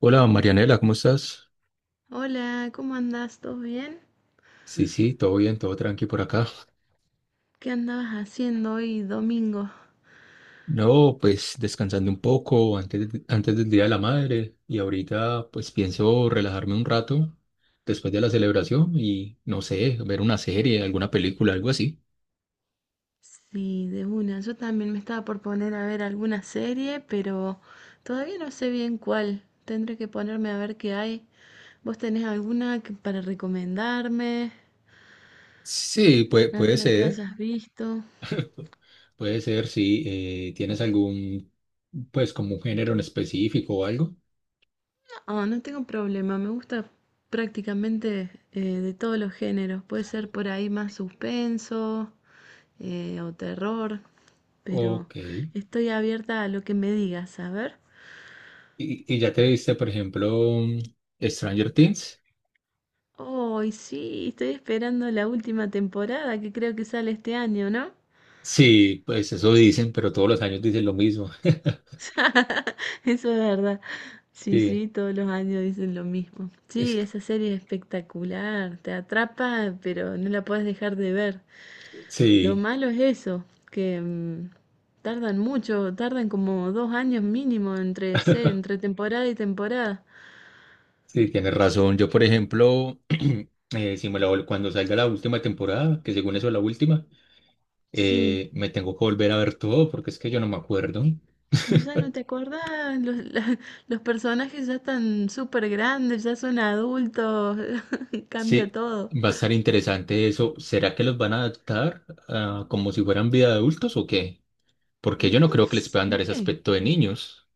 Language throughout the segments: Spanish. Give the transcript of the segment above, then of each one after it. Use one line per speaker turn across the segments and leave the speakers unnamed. Hola Marianela, ¿cómo estás?
Hola, ¿cómo andás? ¿Todo bien?
Sí, sí, todo bien, todo tranqui por acá.
¿Qué andabas haciendo hoy domingo?
No, pues descansando un poco antes, antes del Día de la Madre y ahorita pues pienso relajarme un rato después de la celebración y no sé, ver una serie, alguna película, algo así.
Sí, de una. Yo también me estaba por poner a ver alguna serie, pero todavía no sé bien cuál. Tendré que ponerme a ver qué hay. ¿Vos tenés alguna para recomendarme?
Sí, puede
¿Alguna que
ser,
hayas visto?
puede ser, sí. ¿Tienes pues como un género en específico o algo?
Ah, no tengo problema, me gusta prácticamente de todos los géneros. Puede ser por ahí más suspenso o terror, pero
Ok.
estoy abierta a lo que me digas, a ver.
¿Y ya te viste, por ejemplo, Stranger Things?
Oh, y sí, estoy esperando la última temporada que creo que sale este año, ¿no?
Sí, pues eso dicen, pero todos los años dicen lo mismo.
Eso es verdad. Sí,
Sí,
sí, todos los años dicen lo mismo.
es,
Sí,
que-
esa serie es espectacular, te atrapa, pero no la puedes dejar de ver. Lo
sí,
malo es eso, que tardan mucho, tardan como dos años mínimo entre temporada y temporada.
sí, tienes razón. Yo, por ejemplo, si cuando salga la última temporada, que según eso es la última,
Sí,
me tengo que volver a ver todo porque es que yo no me acuerdo.
ya no te acordás, los personajes ya están súper grandes, ya son adultos,
Sí,
cambia todo.
va a estar interesante eso. ¿Será que los van a adaptar como si fueran vida de adultos o qué? Porque yo no
No
creo que les puedan dar ese
sé,
aspecto de niños.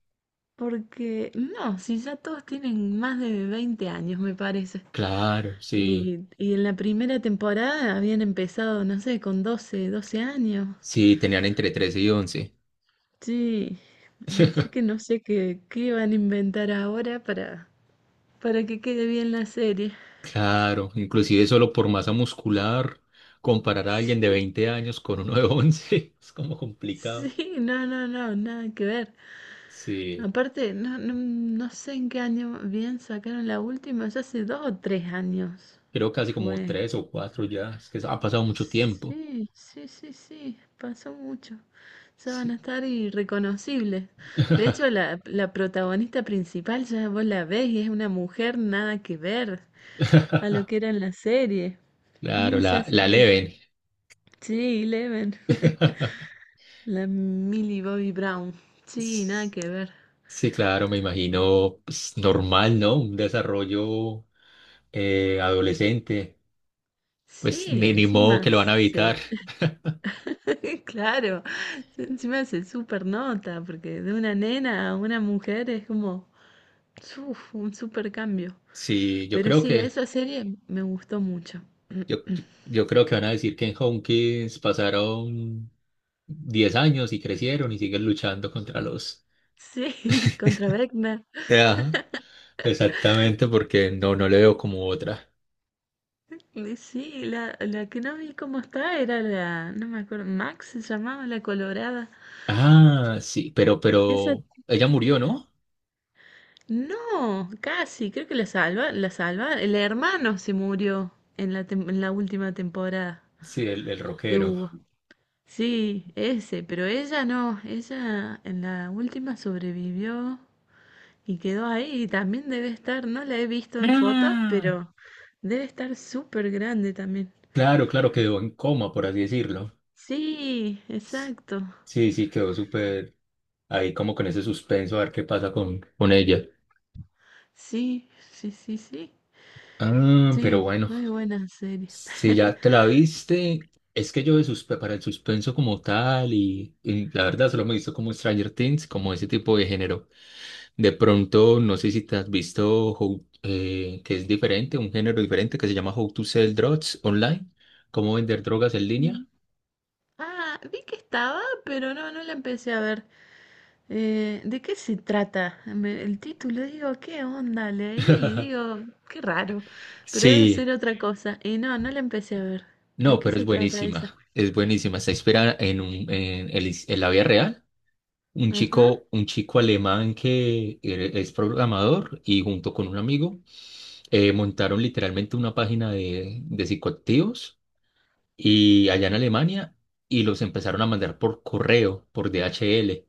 porque no, si ya todos tienen más de 20 años, me parece.
Claro, sí,
Y en la primera temporada habían empezado, no sé, con doce años.
sí, tenían entre 13 y 11.
Sí, así que no sé qué van a inventar ahora para que quede bien la serie.
Claro, inclusive solo por masa muscular, comparar a alguien de 20 años con uno de 11 es como
Sí,
complicado.
sí, nada que ver.
Sí,
Aparte, no sé en qué año bien sacaron la última, ya hace dos o tres años
creo casi como
fue.
tres o cuatro ya, es que ha pasado mucho tiempo.
Sí, pasó mucho. Ya van
Sí.
a estar irreconocibles. De hecho, la protagonista principal ya vos la ves y es una mujer nada que ver a lo que era en la serie.
Claro,
Ni se
la
asemeja.
leven.
Sí, Eleven. La Millie Bobby Brown. Sí, nada que ver.
Sí, claro, me imagino, pues, normal, ¿no? Un desarrollo adolescente, pues
Sí,
ni modo que lo van a evitar.
Claro, encima se super nota, porque de una nena a una mujer es como uf, un super cambio.
Sí, yo
Pero
creo
sí,
que
esa serie me gustó mucho.
Yo, yo creo que van a decir que en Homekins pasaron 10 años y crecieron y siguen luchando contra los...
Sí, contra Beckner.
Ajá, exactamente, porque no, no le veo como otra.
Y sí, la que no vi cómo está era la, no me acuerdo, Max se llamaba la Colorada.
Ah, sí,
Esa
pero ella murió, ¿no?
no, casi, creo que la salva. El hermano se murió en en la última temporada
Sí, el
que
rockero.
hubo. Sí, ese, pero ella no, ella en la última sobrevivió y quedó ahí y también debe estar, no la he visto en fotos,
Ah,
pero debe estar súper grande también.
claro, claro, quedó en coma, por así decirlo.
Sí,
S-
exacto.
Sí, sí, quedó súper ahí como con ese suspenso a ver qué pasa con ella.
Sí, sí, sí, sí.
Ah, pero
Sí,
bueno.
muy buena serie.
Si ya te la viste, es que yo de para el suspenso como tal y la verdad solo me he visto como Stranger Things, como ese tipo de género. De pronto, no sé si te has visto que es diferente, un género diferente que se llama How to Sell Drugs Online, cómo vender drogas en
Mm.
línea.
Ah, vi que estaba, pero no, no la empecé a ver. ¿De qué se trata? El título, digo, ¿qué onda? Leí, digo, qué raro, pero debe
Sí,
ser otra cosa. Y no, no la empecé a ver. ¿De
no,
qué
pero es
se trata esa?
buenísima, es buenísima. Está inspirada en en la vida real.
Ajá.
Un chico alemán que es programador y junto con un amigo montaron literalmente una página de psicoactivos y allá en Alemania y los empezaron a mandar por correo, por DHL.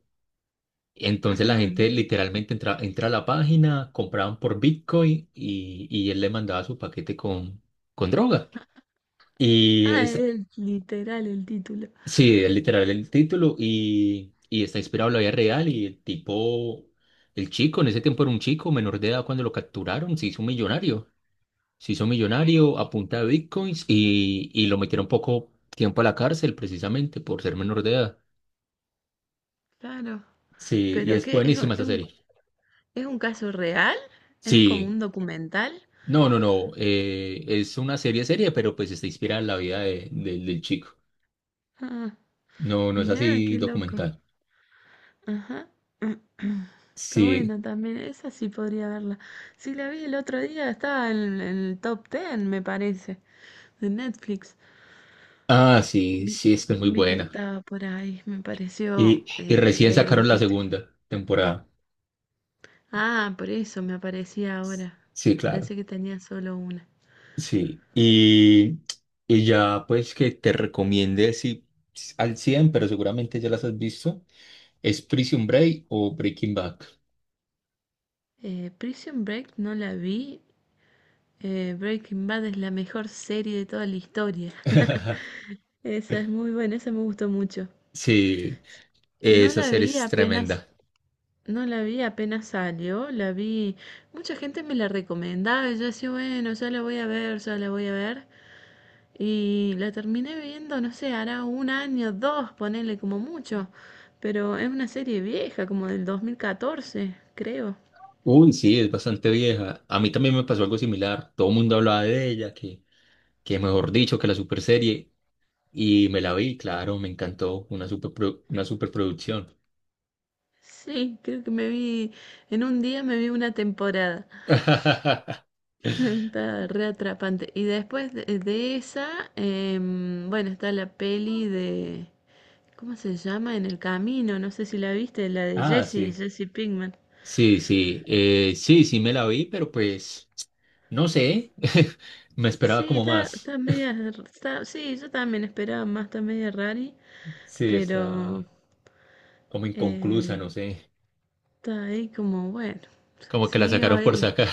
Entonces la
Ah,
gente
bien.
literalmente entra, entra a la página, compraban por Bitcoin y él le mandaba su paquete con droga. Y
Ah,
es,
es literal el título.
sí, es literal el título y está inspirado en la vida real y el tipo, el chico, en ese tiempo era un chico menor de edad cuando lo capturaron, se hizo un millonario. Se hizo millonario a punta de bitcoins y lo metieron poco tiempo a la cárcel precisamente por ser menor de edad.
Claro.
Sí, y
¿Pero
es
qué?
buenísima esa serie.
¿Es un caso real? ¿Es un como
Sí,
un documental?
no, no, no, es una serie seria, pero pues está inspirada en la vida del chico.
Ah,
No, no es
mirá, qué
así
loco.
documental.
Ajá. Está
Sí,
buena también. Esa sí podría verla. Sí, la vi el otro día, estaba en el top 10, me parece. De Netflix.
ah, sí,
Vi,
sí, es que es muy
vi que
buena.
estaba por ahí, me pareció
Y recién
leer el
sacaron la
título.
segunda temporada.
Ah, por eso me aparecía ahora.
Sí, claro.
Pensé que tenía solo una.
Sí, y ya pues que te recomiende si al 100 pero seguramente ya las has visto, es Prison Break o Breaking Bad.
Prison Break no la vi. Eh, Breaking Bad es la mejor serie de toda la historia. Esa es muy buena, esa me gustó mucho.
Sí,
Y no
esa
la
serie
vi
es
apenas,
tremenda.
no la vi apenas salió, mucha gente me la recomendaba y yo decía, bueno, ya la voy a ver, ya la voy a ver. Y la terminé viendo, no sé, hará un año, dos, ponele como mucho. Pero es una serie vieja, como del 2014, creo.
Uy, sí, es bastante vieja. A mí también me pasó algo similar. Todo el mundo hablaba de ella, que mejor dicho, que la super serie. Y me la vi, claro, me encantó. Una superproducción.
Sí, creo que me vi, en un día me vi una temporada. Está re atrapante. Y después de esa, bueno, está ¿cómo se llama? En el camino, no sé si la viste, la de
Ah, sí.
Jesse Pinkman.
Sí, sí, sí, sí me la vi, pero pues no sé, me esperaba
Sí,
como más.
está media, sí, yo también esperaba más, está media rari,
Sí,
pero
está como inconclusa,
eh,
no sé,
está ahí como, bueno,
como que la
siguió
sacaron
a
por
él.
sacar.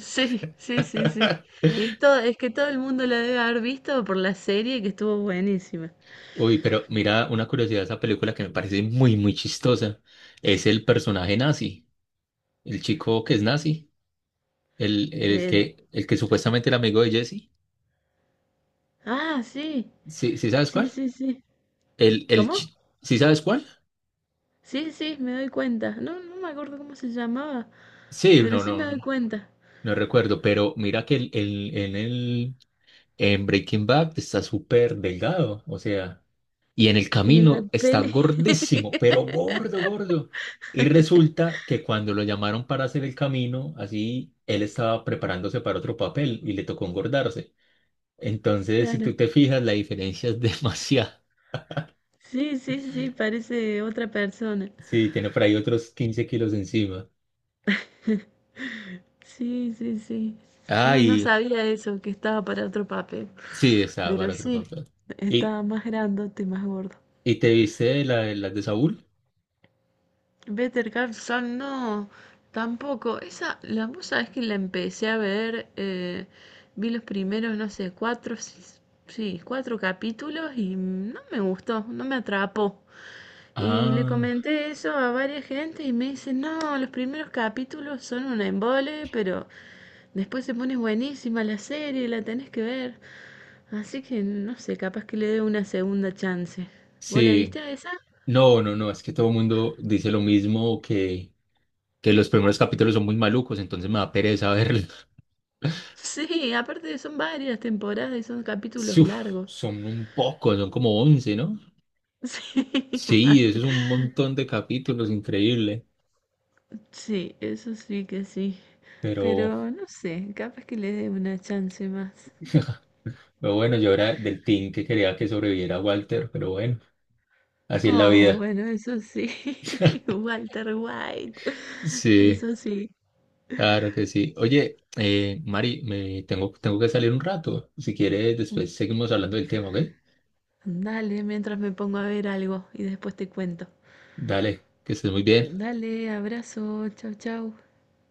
Sí, sí, sí, sí. Y todo, es que todo el mundo la debe haber visto por la serie que estuvo buenísima.
Uy, pero mira, una curiosidad de esa película que me parece muy, muy chistosa es el personaje nazi, el chico que es nazi,
De...
el que supuestamente era amigo de Jesse.
Ah,
¿Sí, sí sabes
sí,
cuál?
sí, sí.
El,
¿Cómo?
¿sí sabes cuál?
Sí, sí, me doy cuenta. No, no me acuerdo cómo se llamaba,
Sí,
pero
no,
sí me doy
no,
cuenta.
no recuerdo, pero mira que el En Breaking Bad está súper delgado, o sea, y en el
Y en la
camino está
peli,
gordísimo, pero gordo, gordo. Y resulta que cuando lo llamaron para hacer el camino, así él estaba preparándose para otro papel y le tocó engordarse. Entonces, si
claro.
tú te fijas, la diferencia es demasiada.
Sí, parece otra persona.
Sí, tiene por ahí otros 15 kilos encima.
Sí, sí, sí. No, no
Ay,
sabía eso, que estaba para otro papel.
sí, estaba
Pero
para otro
sí,
papel. ¿Y,
estaba más grandote, más gordo.
¿Y te viste la, la de Saúl?
Better Call Saul, no, tampoco. Esa, la musa es que la empecé a ver, vi los primeros, no sé, cuatro capítulos y no me gustó, no me atrapó. Y le
Ah,
comenté eso a varias gente y me dicen, no, los primeros capítulos son un embole, pero después se pone buenísima la serie, la tenés que ver. Así que no sé, capaz que le dé una segunda chance. ¿Vos la
sí.
viste a esa?
No, no, no, es que todo el mundo dice lo mismo, que los primeros capítulos son muy malucos, entonces me da pereza verlos.
Sí, aparte son varias temporadas y son capítulos
Uf,
largos.
son un poco, son como 11, ¿no?
Sí, mal.
Sí, eso es un montón de capítulos, increíble.
Sí, eso sí que sí.
Pero,
Pero no sé, capaz que le dé una chance más.
pero bueno, yo era del team que quería que sobreviviera Walter, pero bueno, así es la
Oh,
vida.
bueno, eso sí, Walter White,
Sí,
eso sí.
claro que sí. Oye, Mari, tengo que salir un rato. Si quieres, después seguimos hablando del tema, ¿ok?
Dale, mientras me pongo a ver algo y después te cuento.
Dale, que estés muy bien.
Dale, abrazo, chau, chau.